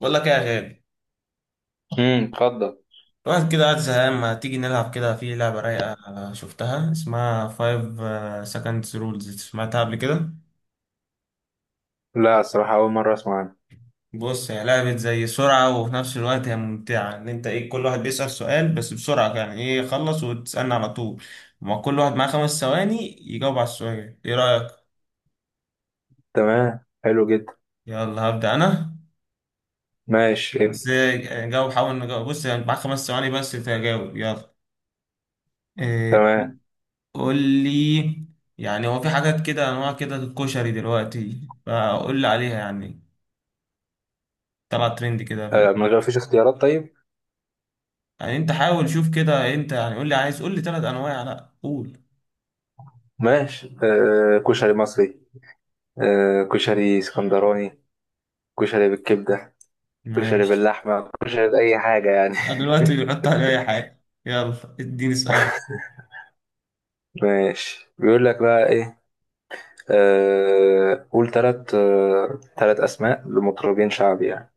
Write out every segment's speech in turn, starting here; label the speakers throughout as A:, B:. A: بقول لك ايه يا غالي.
B: اتفضل.
A: الواحد كده قاعد زهقان، ما تيجي نلعب كده في لعبة رايقة شفتها اسمها 5 seconds rules، سمعتها قبل كده؟
B: لا، الصراحة أول مرة أسمع عنه.
A: بص، هي لعبة زي سرعة وفي نفس الوقت هي ممتعة، ان انت كل واحد بيسأل سؤال بس بسرعة، يعني يخلص وتسألني على طول. ما كل واحد معاه خمس ثواني يجاوب على السؤال، ايه رأيك؟
B: تمام، حلو جدا.
A: يلا هبدأ انا.
B: ماشي.
A: بس جاوب، حاول نجاوب. بص يعني معاك خمس ثواني بس تجاوب، يلا إيه
B: تمام.
A: قول لي، يعني هو في حاجات كده، انواع كده الكشري دلوقتي، فقول لي عليها يعني. طلع ترند كده في
B: آه، ما غير-
A: الجديد.
B: فيش اختيارات. طيب.
A: يعني انت حاول شوف كده، انت يعني قول لي، عايز قول لي ثلاث انواع، لا قول.
B: ماشي. آه، كشري مصري. آه، كشري اسكندراني. كشري بالكبدة. كشري
A: ماشي.
B: باللحمة، كشري بأي حاجة يعني.
A: أنا دلوقتي بيحط على اي حاجه، يلا اديني سؤال.
B: ماشي، بيقول لك بقى إيه؟ آه، قول تلات أسماء لمطربين شعبي يعني.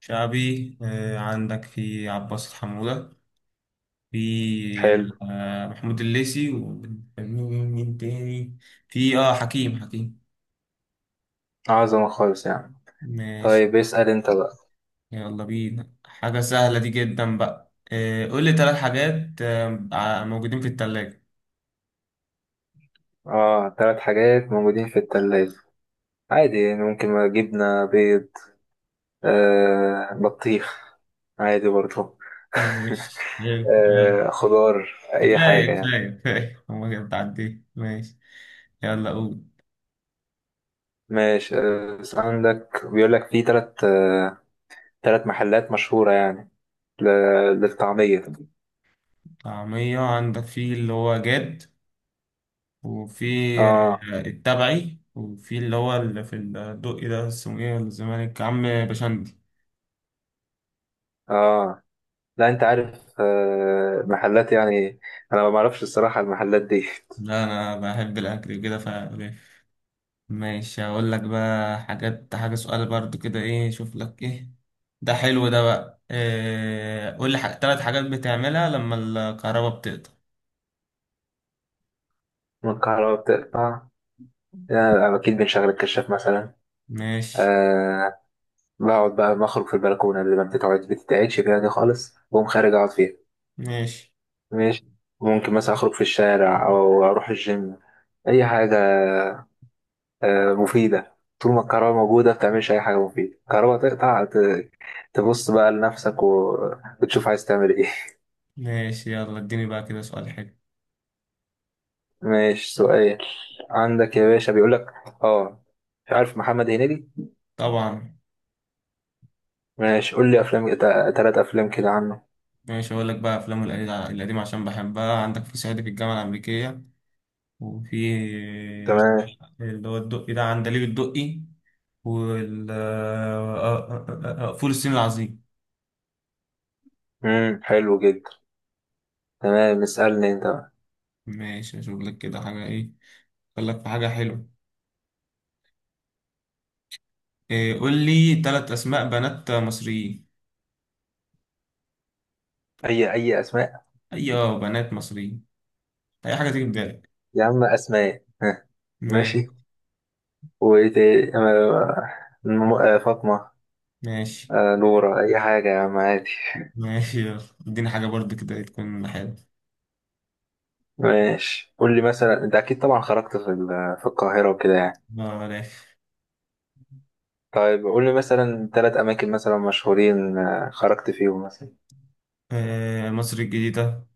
A: شعبي، عندك في عباس حمودة، في،
B: حلو.
A: يعني محمود الليثي، ومين تاني؟ في حكيم حكيم.
B: عظمة خالص يعني.
A: ماشي،
B: طيب، اسأل أنت بقى.
A: يلا بينا حاجة سهلة دي جدا. بقى قول لي ثلاث حاجات، موجودين في التلاجة.
B: آه، 3 حاجات موجودين في التلاجة. عادي يعني، ممكن ما جبنة، بيض. آه، بطيخ. عادي برضه.
A: ماشي يلا.
B: آه، خضار، أي حاجة
A: كفاية
B: يعني.
A: كفاية كفاية هما كده بتعدي. ماشي، يلا قول.
B: ماشي. آه، بس عندك بيقول لك في تلات، آه، 3 محلات مشهورة يعني. ل- للطعمية.
A: طعمية عندك في اللي هو جاد، وفي
B: اه.
A: التبعي، وفي اللي هو اللي في الدقي ده اسمه ايه، ولا الزمالك عم بشندي.
B: اه. لا، انت عارف؟ آه، محلات يعني. انا ما بعرفش الصراحة المحلات دي.
A: لا انا بحب الاكل كده ف. ماشي، هقول لك بقى حاجة، سؤال برضو كده ايه، شوف لك ايه ده، حلو ده. بقى قول لي تلات حاجات بتعملها لما الكهرباء بتقطع.
B: من الكهرباء بتقطع. يعني اكيد بنشغل الكشاف مثلا.
A: ماشي.
B: آه. بقعد بقى بخرج في البلكونة اللي ما بتتقعدش فيها دي خالص، بقوم خارج أقعد فيها.
A: ماشي.
B: ماشي. ممكن مثلا أخرج في الشارع أو أروح الجيم. أي حاجة. آه، مفيدة. طول ما الكهرباء موجودة بتعملش أي حاجة مفيدة، الكهرباء تقطع، تبص بقى لنفسك، وتشوف عايز تعمل إيه.
A: ماشي، يلا اديني بقى كده سؤال حلو.
B: ماشي، سؤال. عندك يا باشا بيقول لك، آه، مش عارف محمد هنيدي؟
A: طبعا.
B: ماشي، قول لي أفلام 3 أفلام كده عنه.
A: ماشي، هقول لك بقى افلام القديمة عشان بحبها، عندك في صعيدي في الجامعة الأمريكية، وفي
B: تمام.
A: اللي هو الدقي ده عندليب الدقي، وال فول الصين العظيم.
B: حلو جدا. تمام، اسألني أنت بقى.
A: ماشي اشوف لك كده حاجة ايه، قال لك في حاجة حلوة. قول لي ثلاث أسماء بنات مصريين.
B: أي أسماء؟
A: أيوة، بنات مصريين، أي حاجة تيجي في بالك.
B: يا عم أسماء، ها،
A: ما-
B: ماشي. وإيه تاني؟ فاطمة.
A: ماشي.
B: آه، نورة، أي حاجة يا عم عادي.
A: ماشي، يلا اديني حاجة برضه كده تكون حلوة.
B: ماشي، قول لي مثلا، أنت أكيد طبعا خرجت في في القاهرة وكده يعني.
A: بلاش.
B: طيب، قول لي مثلا 3 أماكن مثلا مشهورين، آه، خرجت فيهم مثلا.
A: آه، مصر الجديدة،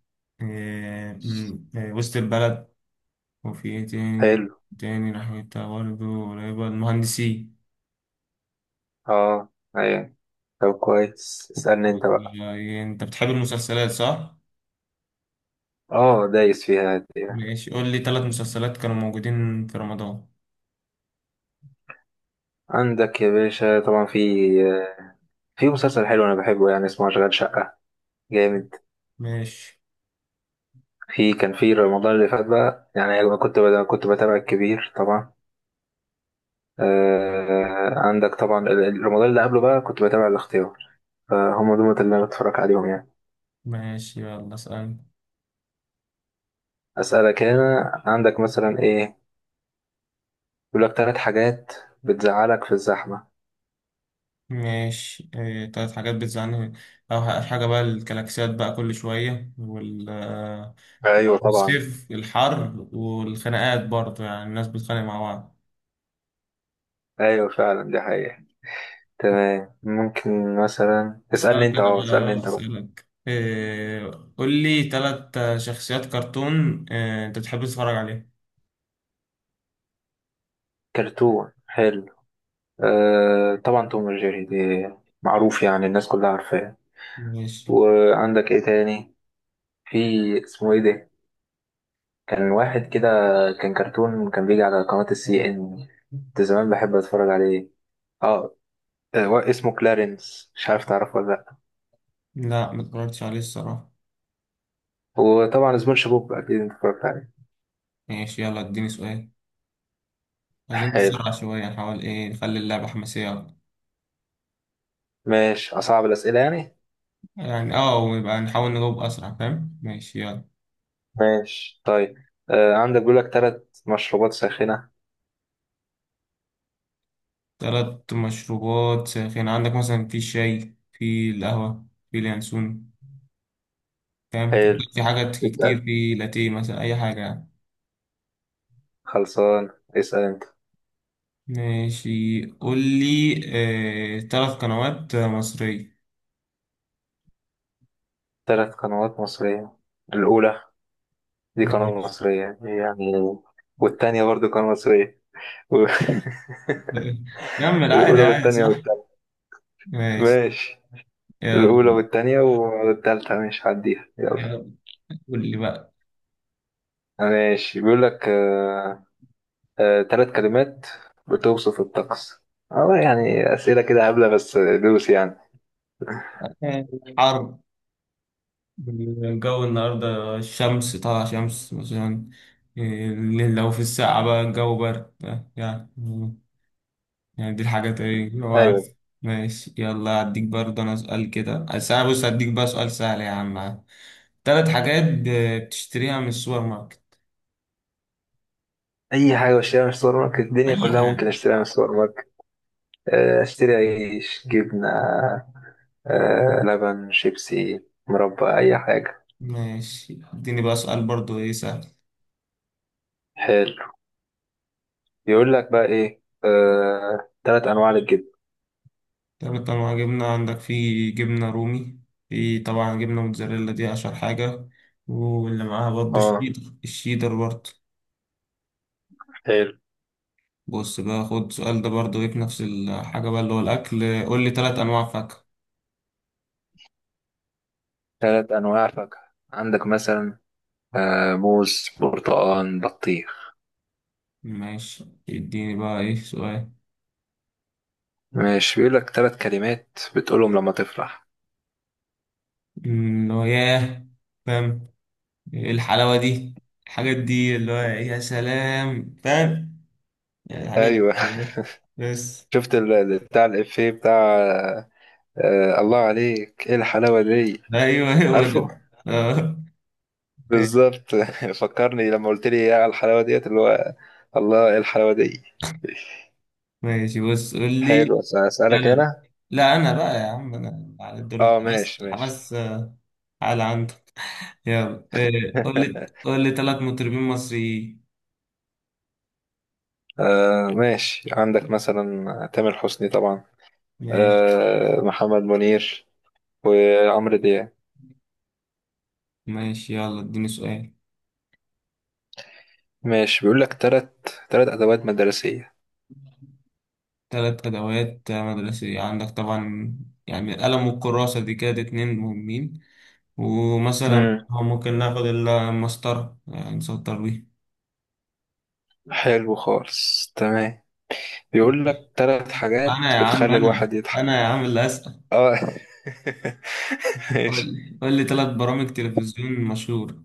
A: وسط البلد، وفي إيه تاني،
B: حلو.
A: تاني ناحيتها برضه قريبة، المهندسين.
B: أه. أيوة. طب كويس، اسألني أنت بقى.
A: يعني أنت بتحب المسلسلات صح؟
B: أه، دايس فيها دي يعني.
A: ماشي، قول لي ثلاث مسلسلات كانوا موجودين في رمضان.
B: عندك يا باشا طبعا في، آه، في مسلسل حلو أنا بحبه يعني، اسمه أشغال شقة. جامد.
A: ماشي.
B: في، كان في رمضان اللي فات بقى، يعني أنا كنت بتابع الكبير طبعا. آه، عندك طبعا رمضان اللي قبله بقى كنت بتابع الاختيار. فهم دول اللي أنا بتفرج عليهم يعني.
A: ماشي، يلا اسأل.
B: أسألك هنا، عندك مثلا إيه؟ يقول لك 3 حاجات بتزعلك في الزحمة.
A: ماشي تلات حاجات بتزعلني، أو حاجة بقى الكلاكسيات بقى كل شوية، وال
B: أيوة طبعا.
A: الصيف الحر، والخناقات برضه، يعني الناس بتتخانق مع بعض.
B: أيوة فعلا، دي حقيقة. تمام، ممكن مثلا اسألني
A: أسألك
B: أنت
A: أنا
B: أه
A: بقى،
B: اسألني أنت بقى.
A: أسألك قول لي تلات شخصيات كرتون، أنت بتحب تتفرج عليه.
B: كرتون، حلو. آه، طبعا توم وجيري دي معروف يعني، الناس كلها عارفاه.
A: ماشي.
B: وعندك إيه تاني؟ في، اسمه ايه ده؟ كان واحد كده، كان كرتون كان بيجي على قناة CNN، كنت زمان بحب اتفرج عليه. اه. آه، اسمه كلارنس، مش عارف تعرفه ولا لا؟
A: لا متفرجتش عليه الصراحة.
B: وطبعا سبونج بوب اكيد انت اتفرجت عليه.
A: ماشي، يلا اديني سؤال، عايزين
B: حلو.
A: نسرع شوية، نحاول نخلي اللعبة حماسية أكتر.
B: ماشي، اصعب الاسئله يعني.
A: يعني اه، ويبقى نحاول نجاوب أسرع فاهم، ماشي يلا.
B: ماشي، طيب. آه، عندك بيقول لك 3 مشروبات ساخنه.
A: تلات مشروبات ساخنة، عندك مثلا في الشاي، في القهوة، في اليانسون، فاهم؟
B: حلو.
A: في حاجات
B: اسال.
A: كتير، في لاتيه مثلا، أي حاجة يعني.
B: خلصان. اسال انت.
A: ماشي قول لي، تلات قنوات مصرية.
B: 3 قنوات مصريه. الاولى، دي قناه
A: ماشي
B: مصريه يعني. والتانيه برضو قناه مصريه. و
A: كمل عادي،
B: الأولى
A: عادي
B: والتانية
A: صح.
B: والتالتة.
A: ماشي.
B: ماشي. الأولى
A: يلا.
B: والتانية والتالتة، ماشي هعديها، يلا.
A: يلا قول لي بقى
B: ماشي، بيقول لك 3 كلمات بتوصف الطقس. اه يعني، أسئلة كده هبلة بس دوس يعني.
A: آه، حر، الجو النهاردة الشمس طالعة، شمس مثلا، إيه، لو في الساعة بقى الجو برد يعني، يعني دي الحاجات ايه اللي هو.
B: أيوة.
A: ماشي، يلا هديك برضه انا سؤال كده، بس انا بص هديك بقى سؤال سهل يا عم. تلات حاجات بتشتريها من السوبر ماركت،
B: أي حاجة بشتريها من السوبر ماركت، الدنيا
A: اي
B: كلها
A: حاجة.
B: ممكن أشتريها من السوبر ماركت. آه، أشتري عيش، جبنة، آه، لبن، شيبسي، مربى، أي حاجة.
A: ماشي، اديني بقى سؤال برضه ايه سهل.
B: حلو. يقول لك بقى إيه؟ آه، 3 أنواع للجبن.
A: تلات انواع جبنة، عندك في جبنة رومي، في طبعا جبنة موتزاريلا دي اشهر حاجة، واللي معاها برضه
B: اه.
A: الشيدر، الشيدر برضه.
B: حلو.
A: بص بقى، خد السؤال ده برضه ايه في نفس الحاجة بقى اللي هو الأكل، قول لي تلات أنواع فاكهة.
B: 3 أنواع فاكهة، عندك مثلا، آه، موز، برتقال، بطيخ.
A: ماشي اديني بقى ايه سؤال.
B: ماشي، بيقول لك 3 كلمات بتقولهم لما تفرح.
A: اللي هو ياه، فاهم، ايه الحلاوة دي، الحاجات دي اللي هو يا سلام، فاهم، يعني الحاجات
B: ايوه.
A: دي بس.
B: شفت بتاع الإفيه، بتاع، آه، الله عليك ايه الحلاوة دي؟
A: ايوه هو
B: عارفه؟
A: ده. اه.
B: بالظبط. فكرني لما قلت لي ايه على الحلاوة ديت اللي هو، الله ايه الحلاوة دي.
A: ماشي، بص قول لي.
B: حلو،
A: لا
B: أسألك
A: لا،
B: هنا.
A: لا انا بقى يا عم انا على الدور،
B: اه،
A: انت حماس
B: ماشي
A: حماس،
B: ماشي.
A: على عندك. يلا قول لي قول لي ثلاث مطربين مصريين.
B: آه، ماشي، عندك مثلا تامر حسني طبعا.
A: ماشي.
B: آه، محمد منير، وعمرو دياب.
A: ماشي، يلا اديني سؤال.
B: ماشي، بيقول لك تلات أدوات مدرسية.
A: ثلاث ادوات مدرسية، عندك طبعا يعني القلم والكراسة دي كده اتنين مهمين، ومثلا
B: امم
A: تمام ممكن ناخد المسطرة يعني نسطر بيه.
B: حلو خالص، تمام. بيقول لك 3 حاجات
A: أنا يا عم،
B: بتخلي
A: أنا
B: الواحد يضحك.
A: أنا يا عم اللي أسأل.
B: اه.
A: قول
B: ماشي.
A: لي قول لي تلات برامج تلفزيون مشهور.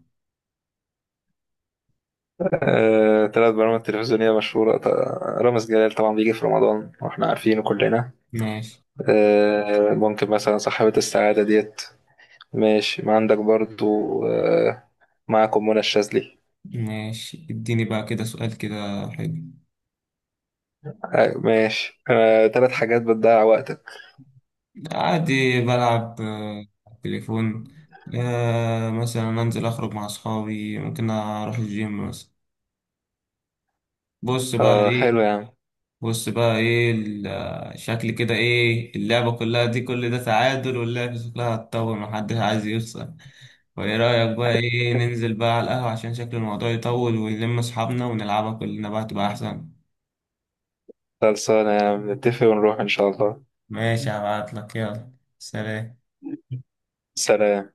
B: آه، 3 برامج تلفزيونية مشهورة. رامز جلال طبعا بيجي في رمضان واحنا عارفينه كلنا.
A: ماشي.
B: آه، ممكن مثلا صاحبة السعادة ديت. ماشي، ما عندك برضو، آه، معكم منى الشاذلي.
A: ماشي، اديني بقى كده سؤال كده حلو.
B: أيوة، ماشي. آه، 3 حاجات بتضيع وقتك.
A: عادي بلعب على التليفون، مثلا أنزل أخرج مع أصحابي، ممكن أروح الجيم مثلا. بص بقى
B: آه، حلو
A: إيه،
B: يا عم.
A: بص بقى ايه شكل كده ايه اللعبة كلها دي، كل ده تعادل، واللعبة شكلها هتطول، محدش عايز يخسر، وايه رأيك بقى ايه ننزل بقى على القهوة، عشان شكل الموضوع يطول، ونلم اصحابنا ونلعبها كلنا بقى تبقى احسن.
B: خلصانة يا عم، نتفق ونروح إن شاء الله.
A: ماشي، هبعتلك يلا. سلام.
B: سلام.